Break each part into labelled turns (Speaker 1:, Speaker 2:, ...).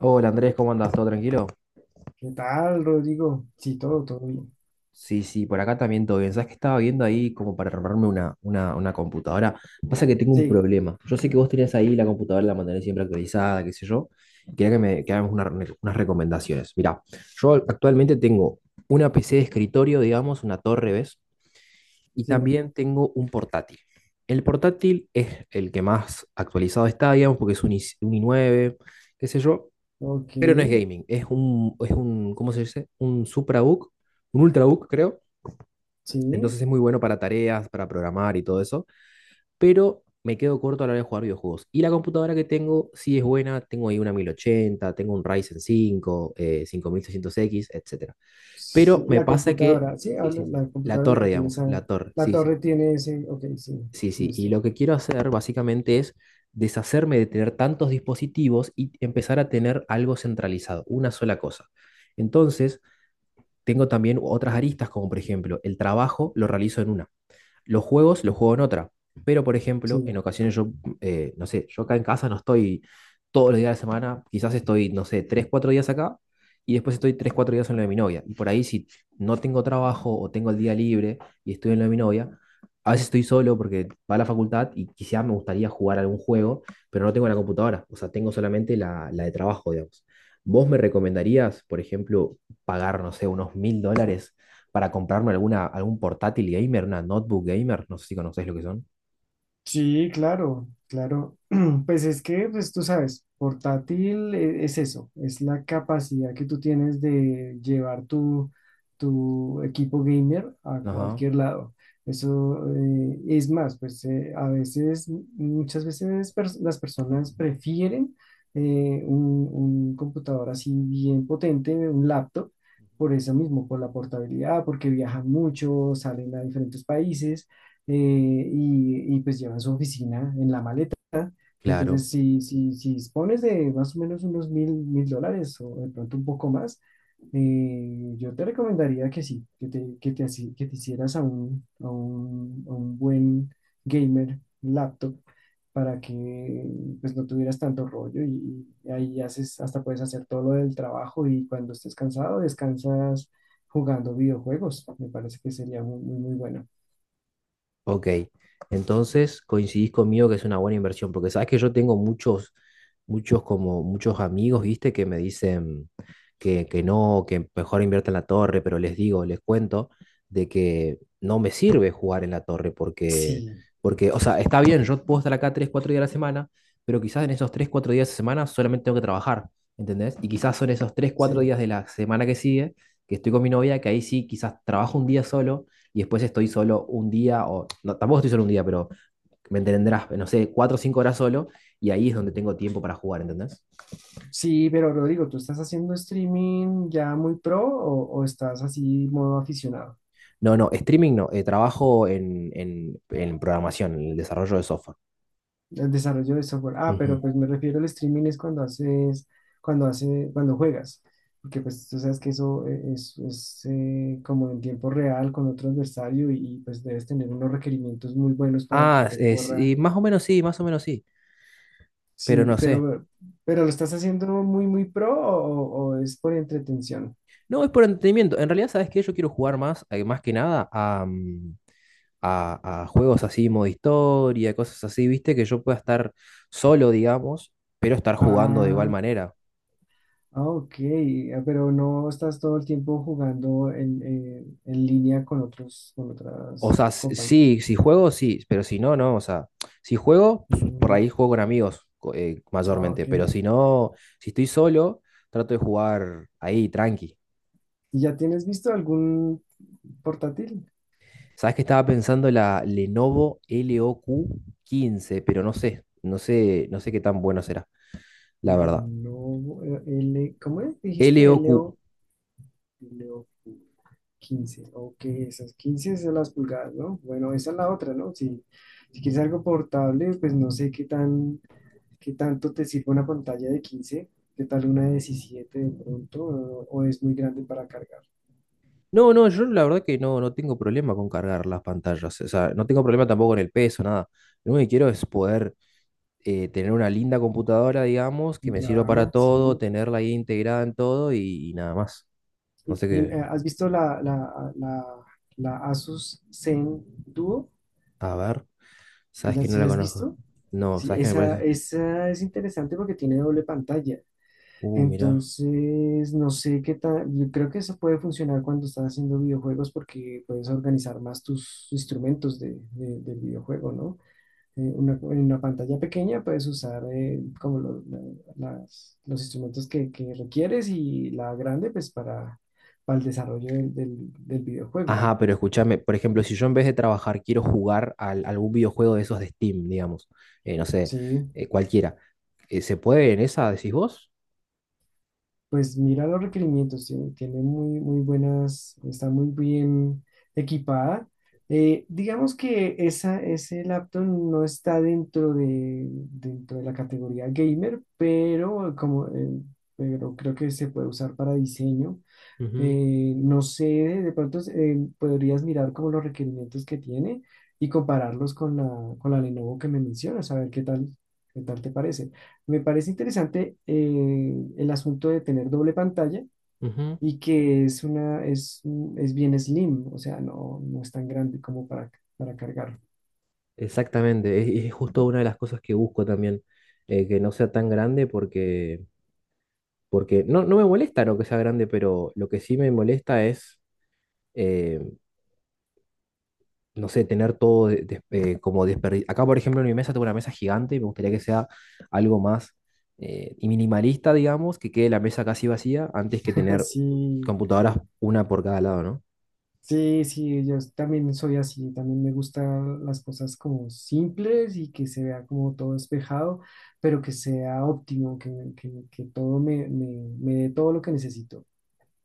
Speaker 1: Hola Andrés, ¿cómo andas? ¿Todo tranquilo?
Speaker 2: ¿Qué tal, Rodrigo? Sí, todo bien.
Speaker 1: Sí, sí, por acá también todo bien. ¿Sabes que estaba viendo ahí como para armarme una computadora? Pasa que tengo un
Speaker 2: Sí,
Speaker 1: problema. Yo sé que vos tenés ahí la computadora, la mantenés siempre actualizada, qué sé yo. Quería que hagamos unas recomendaciones. Mirá, yo actualmente tengo una PC de escritorio, digamos, una torre, ¿ves? Y
Speaker 2: sí.
Speaker 1: también tengo un portátil. El portátil es el que más actualizado está, digamos, porque es un i9, qué sé yo.
Speaker 2: Ok,
Speaker 1: Pero no es gaming, es un, ¿cómo se dice? Un suprabook, un ultrabook, creo.
Speaker 2: sí.
Speaker 1: Entonces es muy bueno para tareas, para programar y todo eso, pero me quedo corto a la hora de jugar videojuegos. Y la computadora que tengo sí es buena, tengo ahí una 1080, tengo un Ryzen 5 5600 x, etcétera. Pero
Speaker 2: Sí,
Speaker 1: me
Speaker 2: la
Speaker 1: pasa que,
Speaker 2: computadora, sí,
Speaker 1: sí, sí, sí,
Speaker 2: la
Speaker 1: la
Speaker 2: computadora es la que
Speaker 1: torre,
Speaker 2: tiene
Speaker 1: digamos,
Speaker 2: esa,
Speaker 1: la torre,
Speaker 2: la
Speaker 1: sí, sí,
Speaker 2: torre tiene ese, ok, sí,
Speaker 1: sí, sí. Y
Speaker 2: listo.
Speaker 1: lo que quiero hacer básicamente es deshacerme de tener tantos dispositivos y empezar a tener algo centralizado, una sola cosa. Entonces, Tengo también otras aristas, como por ejemplo, el trabajo lo realizo en una. Los juegos los juego en otra. Pero, por ejemplo,
Speaker 2: Sí,
Speaker 1: no sé, yo acá en casa no estoy todos los días de la semana, quizás estoy, no sé, tres, cuatro días acá y después estoy tres, cuatro días en lo de mi novia. Y por ahí si no tengo trabajo o tengo el día libre y estoy en lo de mi novia, a veces estoy solo porque va a la facultad y quizás me gustaría jugar algún juego, pero no tengo la computadora, o sea, tengo solamente la de trabajo, digamos. ¿Vos me recomendarías, por ejemplo, pagar, no sé, unos $1000 para comprarme algún portátil gamer, una notebook gamer, no sé si conocéis lo que son?
Speaker 2: sí, claro, claro. Pues es que, pues tú sabes, portátil es eso, es la capacidad que tú tienes de llevar tu equipo gamer a
Speaker 1: Ajá,
Speaker 2: cualquier lado. Eso es más, pues a veces, muchas veces las personas prefieren un computador así bien potente, un laptop, por eso mismo, por la portabilidad, porque viajan mucho, salen a diferentes países eh, y pues llevan su oficina en la maleta.
Speaker 1: claro.
Speaker 2: Entonces, si dispones de más o menos unos $1000 o de pronto un poco más, yo te recomendaría que sí, que te hicieras a a un buen gamer laptop para que pues no tuvieras tanto rollo y ahí haces, hasta puedes hacer todo lo del trabajo y cuando estés cansado descansas jugando videojuegos. Me parece que sería muy bueno.
Speaker 1: Ok, entonces coincidís conmigo que es una buena inversión, porque sabes que yo tengo muchos amigos, viste, que me dicen que no, que mejor invierta en la torre, pero les digo, les cuento de que no me sirve jugar en la torre, porque,
Speaker 2: Sí,
Speaker 1: porque, o sea, está bien, yo puedo estar acá 3 4 días a la semana, pero quizás en esos 3 4 días de semana solamente tengo que trabajar, ¿entendés? Y quizás son esos 3 cuatro
Speaker 2: sí.
Speaker 1: días de la semana que sigue, que estoy con mi novia, que ahí sí, quizás trabajo un día solo y después estoy solo un día, o no, tampoco estoy solo un día, pero me entenderás, no sé, cuatro o cinco horas solo, y ahí es donde tengo tiempo para jugar, ¿entendés?
Speaker 2: Sí, pero Rodrigo, ¿tú estás haciendo streaming ya muy pro o estás así modo aficionado?
Speaker 1: No, no, streaming no, trabajo en programación, en el desarrollo de software.
Speaker 2: El desarrollo de software. Ah,
Speaker 1: Ujú.
Speaker 2: pero pues me refiero al streaming es cuando cuando juegas. Porque pues tú sabes que eso es, como en tiempo real con otro adversario y, pues debes tener unos requerimientos muy buenos para que te corra.
Speaker 1: Sí, más o menos sí, más o menos sí, pero
Speaker 2: Sí,
Speaker 1: no sé.
Speaker 2: pero ¿lo estás haciendo muy pro o es por entretención?
Speaker 1: No, es por entretenimiento. En realidad, ¿sabes qué? Yo quiero jugar más, más que nada, a juegos así, modo historia, cosas así, ¿viste? Que yo pueda estar solo, digamos, pero estar jugando de igual
Speaker 2: Ah.
Speaker 1: manera.
Speaker 2: Ah, ok, ah, pero no estás todo el tiempo jugando en línea con otros, con
Speaker 1: O
Speaker 2: otras
Speaker 1: sea,
Speaker 2: compañías.
Speaker 1: sí, si juego, sí, pero si no, no. O sea, si juego, pues, por
Speaker 2: Mm,
Speaker 1: ahí juego con amigos
Speaker 2: ah,
Speaker 1: mayormente,
Speaker 2: ok.
Speaker 1: pero si no, si estoy solo, trato de jugar ahí, tranqui.
Speaker 2: ¿Y ya tienes visto algún portátil?
Speaker 1: ¿Sabes que estaba pensando la Lenovo LOQ 15, pero no sé qué tan bueno será, la verdad?
Speaker 2: Lenovo, L, ¿cómo es? Dijiste
Speaker 1: LOQ.
Speaker 2: LO, LO 15. Ok, esas 15 son las pulgadas, ¿no? Bueno, esa es la otra, ¿no? Si, si quieres algo portable, pues no sé qué tan. ¿Qué tanto te sirve una pantalla de 15? ¿Qué tal una de 17 de pronto? O es muy grande para cargar?
Speaker 1: No, no, yo la verdad que no, no tengo problema con cargar las pantallas. O sea, no tengo problema tampoco con el peso, nada. Lo único que quiero es poder tener una linda computadora, digamos, que me sirva para
Speaker 2: Ya,
Speaker 1: todo,
Speaker 2: sí.
Speaker 1: tenerla ahí integrada en todo y nada más. No sé
Speaker 2: Y,
Speaker 1: qué.
Speaker 2: ¿has visto la Asus Zen Duo?
Speaker 1: A ver,
Speaker 2: ¿Sí
Speaker 1: sabes que no
Speaker 2: sí
Speaker 1: la
Speaker 2: la has
Speaker 1: conozco.
Speaker 2: visto?
Speaker 1: No,
Speaker 2: Sí,
Speaker 1: sabes qué me parece.
Speaker 2: esa es interesante porque tiene doble pantalla.
Speaker 1: Mirá.
Speaker 2: Entonces, no sé qué tal, yo creo que eso puede funcionar cuando estás haciendo videojuegos porque puedes organizar más tus instrumentos del videojuego, ¿no? En una pantalla pequeña puedes usar como lo- la- las- los instrumentos que requieres y la grande pues para el desarrollo del videojuego.
Speaker 1: Ajá, pero escúchame, por ejemplo, si yo en vez de trabajar quiero jugar a algún videojuego de esos de Steam, digamos, no sé,
Speaker 2: Sí,
Speaker 1: cualquiera, ¿se puede en esa, decís vos?
Speaker 2: pues mira los requerimientos, tiene muy buenas, está muy bien equipada. Digamos que esa, ese laptop no está dentro dentro de la categoría gamer, pero, como, pero creo que se puede usar para diseño.
Speaker 1: Ujú,
Speaker 2: No sé, de pronto podrías mirar como los requerimientos que tiene y compararlos con con la Lenovo que me mencionas, a ver qué tal te parece. Me parece interesante el asunto de tener doble pantalla
Speaker 1: ujú.
Speaker 2: y que es es bien slim, o sea, no, no es tan grande como para cargar.
Speaker 1: Exactamente, es justo una de las cosas que busco también, que no sea tan grande porque… Porque no, no me molesta no que sea grande, pero lo que sí me molesta es, eh, no sé, tener todo como desperdiciado. Acá, por ejemplo, en mi mesa tengo una mesa gigante y me gustaría que sea algo más y minimalista, digamos, que quede la mesa casi vacía antes que tener
Speaker 2: Así.
Speaker 1: computadoras una por cada lado, ¿no?
Speaker 2: Sí, sí, yo también soy así, también me gustan las cosas como simples y que se vea como todo despejado, pero que sea óptimo, que todo me dé todo lo que necesito.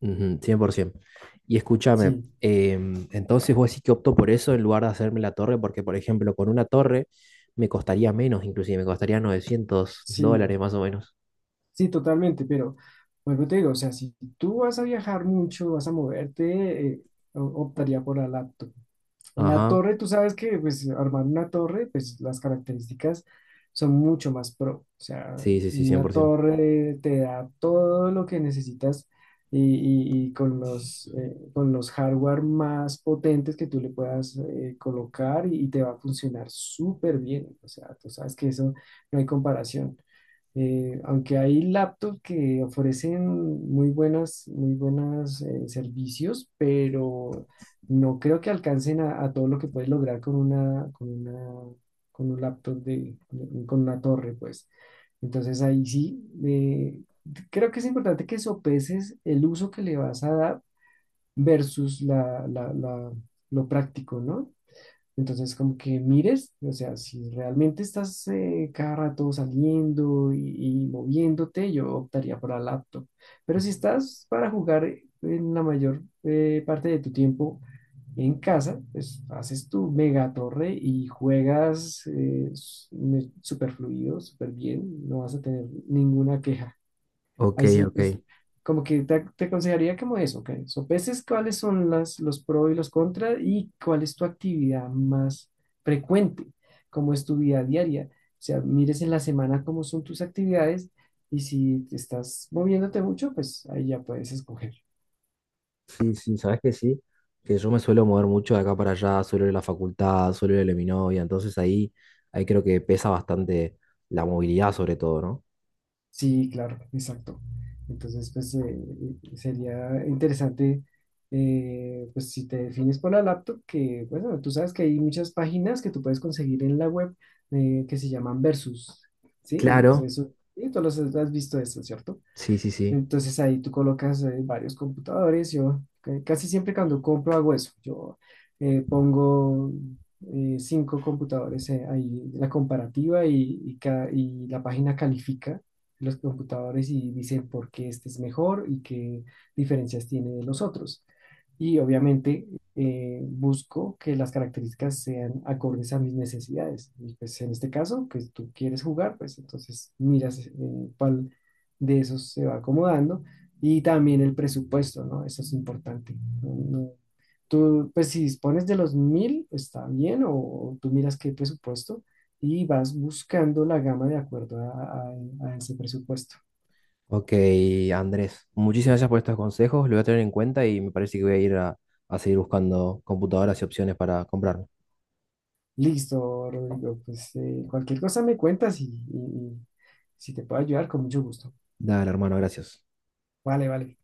Speaker 1: Ujú, 100%. Y escúchame,
Speaker 2: Sí,
Speaker 1: entonces vos decís que opto por eso en lugar de hacerme la torre, porque, por ejemplo, con una torre me costaría menos, inclusive me costaría $900
Speaker 2: sí,
Speaker 1: más o menos.
Speaker 2: sí, totalmente, pero vuelvo y te digo, o sea, si tú vas a viajar mucho, vas a moverte, optaría por la laptop. La
Speaker 1: Ajá.
Speaker 2: torre, tú sabes que pues armar una torre, pues las características son mucho más pro. O sea,
Speaker 1: Sí, sí, sí,
Speaker 2: una
Speaker 1: 100%.
Speaker 2: torre te da todo lo que necesitas y, y con los hardware más potentes que tú le puedas colocar y te va a funcionar súper bien. O sea, tú sabes que eso no hay comparación. Aunque hay laptops que ofrecen muy buenas, muy buenos servicios, pero no creo que alcancen a todo lo que puedes lograr con con un laptop con una torre, pues. Entonces ahí sí, creo que es importante que sopeses el uso que le vas a dar versus lo práctico, ¿no? Entonces, como que mires, o sea, si realmente estás cada rato saliendo y moviéndote, yo optaría por la laptop. Pero si
Speaker 1: Ujú.
Speaker 2: estás para jugar en la mayor parte de tu tiempo en casa, pues haces tu mega torre y juegas súper fluido, súper bien, no vas a tener ninguna queja.
Speaker 1: Ok,
Speaker 2: Ahí sí,
Speaker 1: ok.
Speaker 2: es como que te aconsejaría como eso, que sopeses cuáles son los pros y los contras y cuál es tu actividad más frecuente, cómo es tu vida diaria. O sea, mires en la semana cómo son tus actividades y si te estás moviéndote mucho, pues ahí ya puedes escoger.
Speaker 1: Sí, sí, sabes que sí, que yo me suelo mover mucho de acá para allá, suelo ir a la facultad, suelo ir a la de mi novia, entonces ahí, ahí creo que pesa bastante la movilidad sobre todo, ¿no?
Speaker 2: Sí, claro, exacto. Entonces, pues sería interesante, pues si te defines por la laptop, que bueno, tú sabes que hay muchas páginas que tú puedes conseguir en la web que se llaman Versus, ¿sí?
Speaker 1: Claro,
Speaker 2: Eso, y tú los has visto eso, ¿cierto?
Speaker 1: sí, sí, sí.
Speaker 2: Entonces ahí tú colocas varios computadores. Yo casi siempre cuando compro hago eso. Yo pongo cinco computadores ahí, la comparativa y, y la página califica los computadores y dice por qué este es mejor y qué diferencias tiene de los otros. Y obviamente busco que las características sean acordes a mis necesidades. Y pues en este caso, que tú quieres jugar, pues entonces miras de esos se va acomodando y también el presupuesto, ¿no? Eso es importante. No- no, Tú, pues si dispones de los mil, está bien, o tú miras qué presupuesto y vas buscando la gama de acuerdo a- a ese presupuesto.
Speaker 1: Ok, Andrés, muchísimas gracias por estos consejos, lo voy a tener en cuenta y me parece que voy a ir a seguir buscando computadoras y opciones para comprarme.
Speaker 2: Listo, Rodrigo, pues cualquier cosa me cuentas y- y si te puedo ayudar, con mucho gusto.
Speaker 1: Dale, hermano, gracias.
Speaker 2: Vale, vale.